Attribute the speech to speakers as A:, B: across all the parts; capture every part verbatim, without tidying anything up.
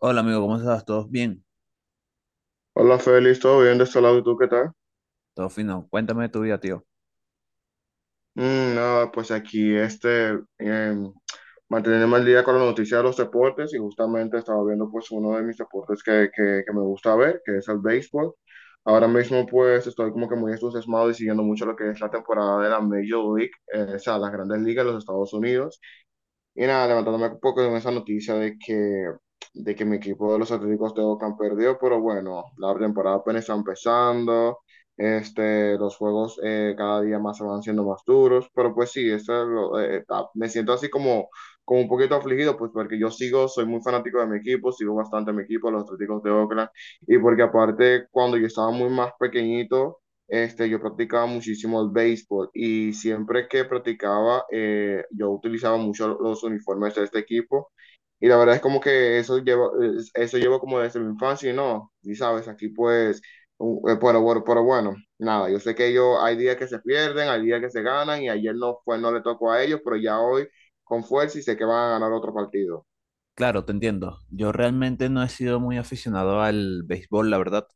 A: Hola amigo, ¿cómo estás? ¿Todos bien?
B: Hola Félix, ¿todo bien de este lado? ¿Y tú qué tal?
A: Todo fino. Cuéntame de tu vida, tío.
B: Mm, nada, pues aquí este, em, manteniéndome al día con la noticia de los deportes y justamente estaba viendo pues uno de mis deportes que, que, que me gusta ver, que es el béisbol. Ahora mismo pues estoy como que muy entusiasmado y siguiendo mucho lo que es la temporada de la Major League, eh, o sea, las grandes ligas de los Estados Unidos. Y nada, levantándome un poco con esa noticia de que, de que mi equipo de los Atléticos de Oakland perdió, pero bueno, la temporada apenas está empezando. Este, los juegos eh, cada día más se van siendo más duros, pero pues sí, eso es lo- eh, está- me siento así como como un poquito afligido, pues porque yo sigo, soy muy fanático de mi equipo, sigo bastante a mi equipo, los Atléticos de Oakland, y porque aparte cuando yo estaba muy más pequeñito, este, yo practicaba muchísimo el béisbol y siempre que practicaba, eh, yo utilizaba mucho los uniformes de este equipo. Y la verdad es como que eso llevo, es- eso llevo como desde mi infancia y no, y sabes, aquí pues, u- eh, pero, bueno- pero bueno, nada, yo sé que yo hay días que se pierden, hay días que se ganan y ayer no fue, no le tocó a ellos, pero ya hoy con fuerza y sé que van a ganar otro partido.
A: Claro, te entiendo. Yo realmente no he sido muy aficionado al béisbol, la verdad.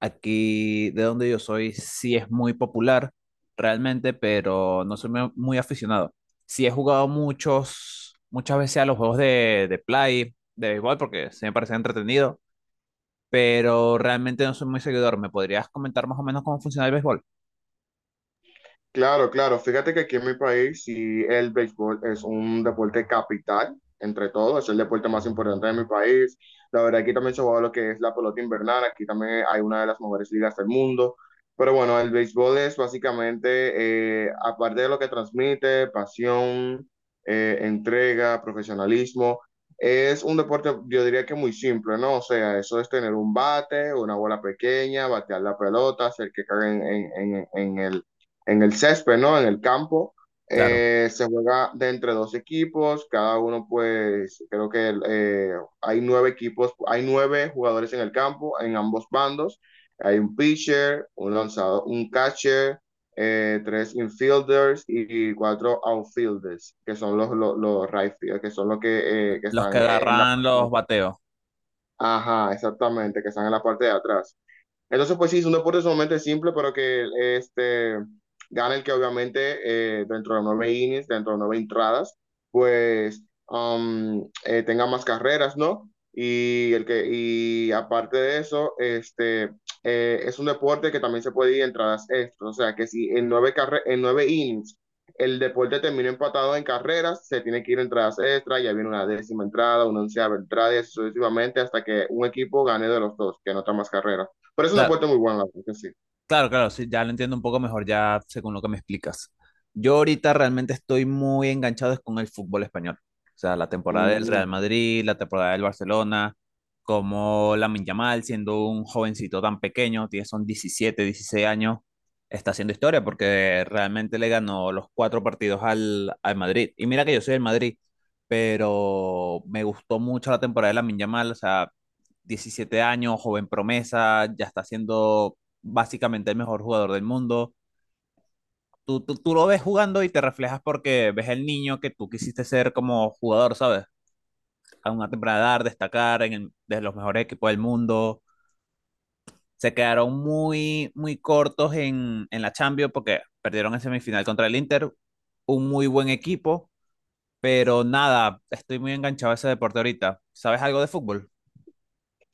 A: Aquí de donde yo soy sí es muy popular, realmente, pero no soy mu- muy aficionado. Sí he jugado muchos, muchas veces a los juegos de, de play, de béisbol, porque se me parece entretenido, pero realmente no soy muy seguidor. ¿Me podrías comentar más o menos cómo funciona el béisbol?
B: Claro, claro. Fíjate que aquí en mi país sí el béisbol es un deporte capital, entre todos, es el deporte más importante de mi país. La verdad, aquí también se juega lo que es la pelota invernal, aquí también hay una de las mejores ligas del mundo. Pero bueno, el béisbol es básicamente, eh, aparte de lo que transmite, pasión, eh, entrega, profesionalismo, es un deporte, yo diría que muy simple, ¿no? O sea, eso es tener un bate, una bola pequeña, batear la pelota, hacer que caiga en en- en- en el en el césped, ¿no? En el campo.
A: Claro.
B: Eh, se juega de entre dos equipos, cada uno pues creo que eh, hay nueve equipos, hay nueve jugadores en el campo, en ambos bandos. Hay un pitcher, un lanzador, un catcher, eh, tres infielders y, y cuatro outfielders, que son los, los, los right field, que son los que, eh, que
A: Los que
B: están en la
A: agarran
B: parte de
A: los
B: atrás.
A: bateos.
B: Ajá, exactamente, que están en la parte de atrás. Entonces, pues sí, es un deporte sumamente simple, pero que este, gana el que obviamente eh, dentro de nueve innings, dentro de nueve entradas, pues um, eh, tenga más carreras, ¿no? Y, el que, y aparte de eso, este, eh, es un deporte que también se puede ir entradas extras. O sea, que si en nueve, carre en nueve innings el deporte termina empatado en carreras, se tiene que ir entradas extras, ya viene una décima entrada, una onceava entrada, y así sucesivamente hasta que un equipo gane de los dos, que anota más carreras. Pero es una
A: Claro.
B: puerta muy buena, la verdad que sí.
A: Claro, claro, sí, ya lo entiendo un poco mejor ya según lo que me explicas. Yo ahorita realmente estoy muy enganchado es con el fútbol español. O sea, la temporada del Real
B: Mm.
A: Madrid, la temporada del Barcelona, como Lamine Yamal, siendo un jovencito tan pequeño, tiene son diecisiete, dieciséis años, está haciendo historia porque realmente le ganó los cuatro partidos al, al Madrid. Y mira que yo soy del Madrid, pero me gustó mucho la temporada de Lamine Yamal, o sea, diecisiete años, joven promesa, ya está haciendo básicamente el mejor jugador del mundo. Tú, tú, tú lo ves jugando y te reflejas porque ves el niño que tú quisiste ser como jugador, ¿sabes? A una temprana edad, destacar en el- de los mejores equipos del mundo. Se quedaron muy, muy cortos en, en la Champions porque perdieron en semifinal contra el Inter. Un muy buen equipo, pero nada, estoy muy enganchado a ese deporte ahorita. ¿Sabes algo de fútbol?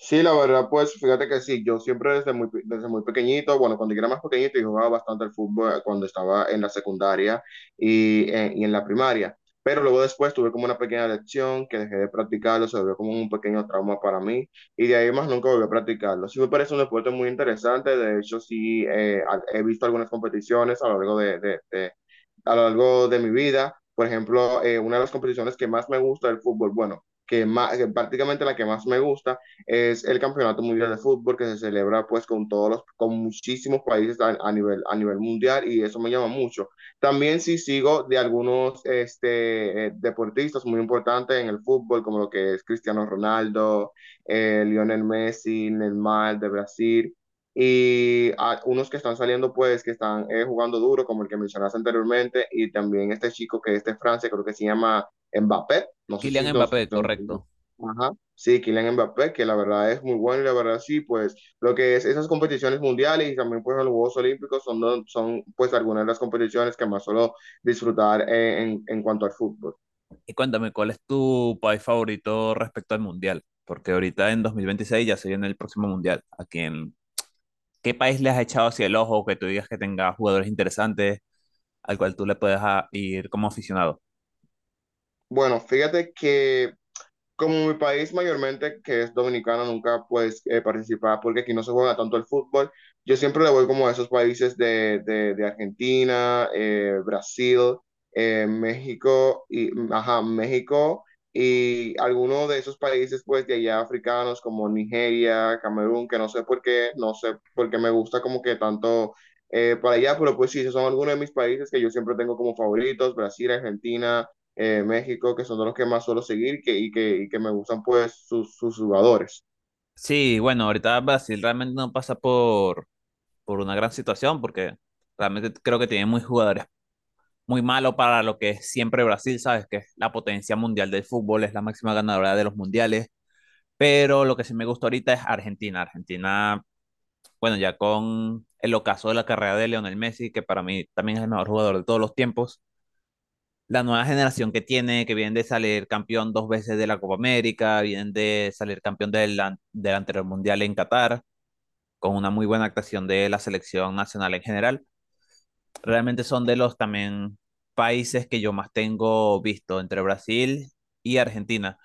B: Sí, la verdad, pues fíjate que sí, yo siempre desde muy, pe- desde muy pequeñito, bueno, cuando yo era más pequeñito, yo jugaba bastante al fútbol eh, cuando estaba en la secundaria y, eh, y en la primaria, pero luego después tuve como una pequeña lección que dejé de practicarlo, se volvió como un pequeño trauma para mí y de ahí más nunca volví a practicarlo. Sí me parece un deporte muy interesante, de hecho sí eh, a- he visto algunas competiciones a lo largo de, de- de- a lo largo de mi vida. Por ejemplo, eh, una de las competiciones que más me gusta del fútbol, bueno, que, más, prácticamente la que más me gusta es el Campeonato Mundial de Fútbol que se celebra pues con todos los, con muchísimos países a, a nivel, a nivel mundial y eso me llama mucho. También sí sigo de algunos este, eh, deportistas muy importantes en el fútbol, como lo que es Cristiano Ronaldo, eh, Lionel Messi, Neymar de Brasil y a unos que están saliendo pues que están eh, jugando duro como el que mencionaste anteriormente y también este chico que es de Francia creo que se llama Mbappé no sé si
A: Kylian
B: nos,
A: Mbappé,
B: nos,
A: correcto.
B: ajá, sí, Kylian Mbappé, que la verdad es muy bueno y la verdad sí, pues lo que es esas competiciones mundiales y también pues los Juegos Olímpicos son, do- son pues algunas de las competiciones que más suelo disfrutar eh, en, en cuanto al fútbol.
A: Y cuéntame, ¿cuál es tu país favorito respecto al mundial? Porque ahorita en dos mil veintiséis ya se viene el próximo mundial. ¿A quién, qué país le has echado hacia el ojo que tú digas que tenga jugadores interesantes al cual tú le puedes a- ir como aficionado?
B: Bueno, fíjate que como mi país mayormente, que es dominicano, nunca pues eh, participaba porque aquí no se juega tanto el fútbol, yo siempre le voy como a esos países de, de- de Argentina, eh, Brasil, eh, México y, ajá, México y algunos de esos países pues de allá africanos como Nigeria, Camerún, que no sé por qué, no sé por qué me gusta como que tanto eh, para allá, pero pues sí, esos son algunos de mis países que yo siempre tengo como favoritos, Brasil, Argentina, eh, México, que son de los que más suelo seguir que, y, que, y que me gustan pues sus, sus jugadores.
A: Sí, bueno, ahorita Brasil realmente no pasa por, por una gran situación porque realmente creo que tiene muy jugadores muy malos para lo que es siempre Brasil, ¿sabes? Que es la potencia mundial del fútbol, es la máxima ganadora de los mundiales. Pero lo que sí me gusta ahorita es Argentina. Argentina bueno, ya con el ocaso de la carrera de Lionel Messi, que para mí también es el mejor jugador de todos los tiempos, la nueva generación que tiene, que vienen de salir campeón dos veces de la Copa América, vienen de salir campeón del, an- del anterior Mundial en Qatar, con una muy buena actuación de la selección nacional en general, realmente son de los también países que yo más tengo visto entre Brasil y Argentina.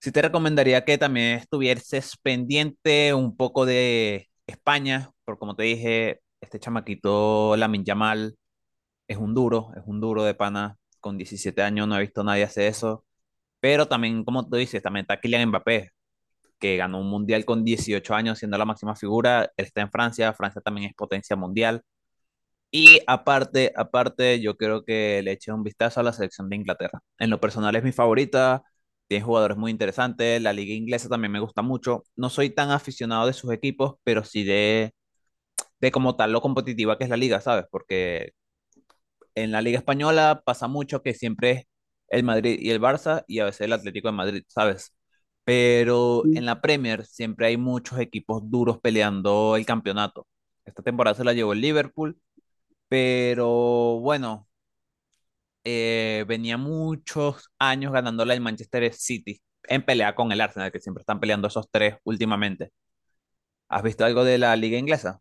A: Sí te recomendaría que también estuvieses pendiente un poco de España, porque como te dije, este chamaquito Lamin Yamal es un duro, es un duro de pana, con diecisiete años no he visto a nadie hacer eso, pero también, como tú dices, también está Kylian Mbappé, que ganó un mundial con dieciocho años siendo la máxima figura, él está en Francia, Francia también es potencia mundial. Y aparte, aparte, yo creo que le eché un vistazo a la selección de Inglaterra. En lo personal es mi favorita, tiene jugadores muy interesantes, la liga inglesa también me gusta mucho. No soy tan aficionado de sus equipos, pero sí de, de como tal lo competitiva que es la liga, ¿sabes? Porque en la liga española pasa mucho que siempre es el Madrid y el Barça y a veces el Atlético de Madrid, ¿sabes? Pero
B: Sí,
A: en la Premier siempre hay muchos equipos duros peleando el campeonato. Esta temporada se la llevó el Liverpool, pero bueno eh, venía muchos años ganándola el Manchester City en pelea con el Arsenal, que siempre están peleando esos tres últimamente. ¿Has visto algo de la liga inglesa?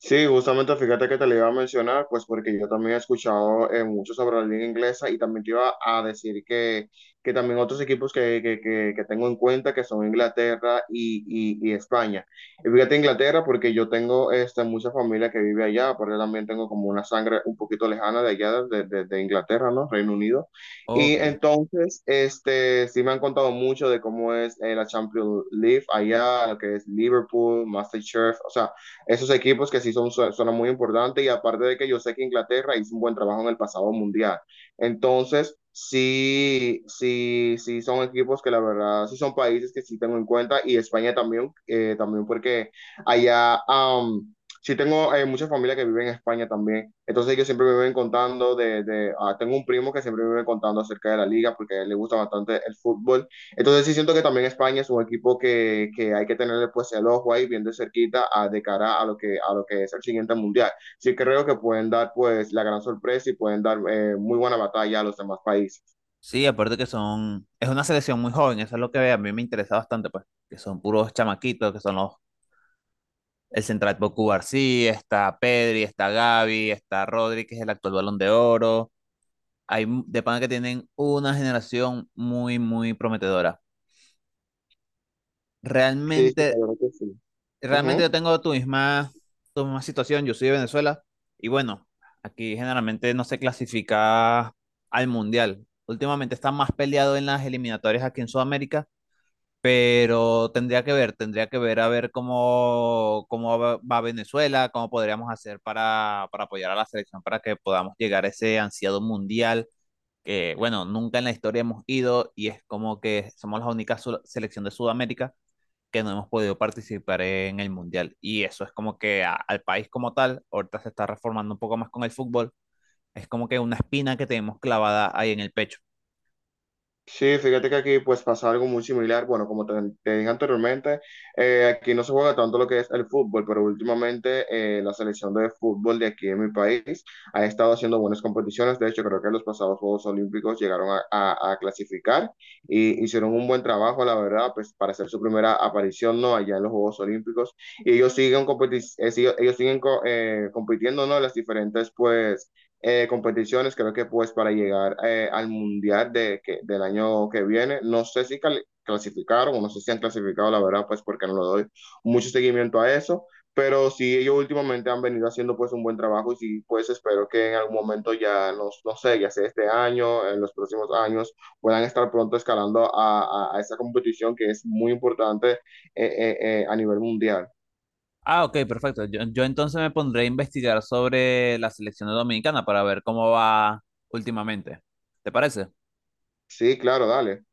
B: sí, justamente fíjate que te lo iba a mencionar, pues porque yo también he escuchado eh, mucho sobre la liga inglesa y también te iba a decir que, que también otros equipos que, que, que, que tengo en cuenta que son Inglaterra y, y, y España. Y fíjate Inglaterra porque yo tengo este, mucha familia que vive allá, aparte también tengo como una sangre un poquito lejana de allá, de, de, de Inglaterra, ¿no? Reino Unido. Y
A: Ok.
B: entonces, este, sí me han contado mucho de cómo es eh, la Champions League allá, lo que es Liverpool, MasterChef, o sea esos equipos que sí son, son muy importantes y aparte de que yo sé que Inglaterra hizo un buen trabajo en el pasado mundial. Entonces, sí, sí, sí son equipos que la verdad, sí son países que sí tengo en cuenta y España también, eh, también porque allá... Um, sí tengo eh, mucha familia que vive en España también, entonces ellos siempre me ven contando de, de ah, tengo un primo que siempre me vive contando acerca de la liga porque a él le gusta bastante el fútbol, entonces sí siento que también España es un equipo que, que hay que tenerle pues el ojo ahí bien de cerquita a- de cara a lo que, a lo que es el siguiente mundial. Sí creo que pueden dar pues la gran sorpresa y pueden dar eh, muy buena batalla a los demás países.
A: Sí, aparte que son, es una selección muy joven, eso es lo que a mí me interesa bastante, pues, que son puros chamaquitos, que son los, el central Boku García, está Pedri, está Gavi, está Rodri, que es el actual Balón de Oro. Hay m- de pana que tienen una generación muy, muy prometedora.
B: Sí,
A: Realmente
B: sí, la verdad que sí.
A: realmente yo
B: Ujú.
A: tengo tu misma, tu misma situación, yo soy de Venezuela y bueno, aquí generalmente no se clasifica al mundial. Últimamente está más peleado en las eliminatorias aquí en Sudamérica, pero tendría que ver, tendría que ver a ver cómo, cómo va va Venezuela, cómo podríamos hacer para, para apoyar a la selección para que podamos llegar a ese ansiado mundial que, bueno, nunca en la historia hemos ido y es como que somos la única su- selección de Sudamérica que no hemos podido participar en el Mundial. Y eso es como que a- al país como tal, ahorita se está reformando un poco más con el fútbol, es como que una espina que tenemos clavada ahí en el pecho.
B: Sí, fíjate que aquí pues pasa algo muy similar. Bueno, como te, te dije anteriormente, eh, aquí no se juega tanto lo que es el fútbol, pero últimamente eh, la selección de fútbol de aquí en mi país ha estado haciendo buenas competiciones. De hecho, creo que en los pasados Juegos Olímpicos llegaron a, a- a clasificar y hicieron un buen trabajo, la verdad, pues para hacer su primera aparición, ¿no? Allá en los Juegos Olímpicos. Y ellos siguen, competi- eh, sig- ellos siguen co- eh, compitiendo, ¿no? En las diferentes pues eh, competiciones, creo que pues para llegar eh, al mundial de, que, del año que viene, no sé si cal- clasificaron o no sé si han clasificado, la verdad, pues porque no le doy mucho seguimiento a eso, pero sí ellos últimamente han venido haciendo pues un buen trabajo y sí pues espero que en algún momento ya, no, no sé, ya sea este año, en los próximos años, puedan estar pronto escalando a, a- a esa competición que es muy importante eh, eh, eh, a nivel mundial.
A: Ah, ok, perfecto. Yo, yo entonces me pondré a investigar sobre la selección dominicana para ver cómo va últimamente. ¿Te parece?
B: Sí, claro, dale.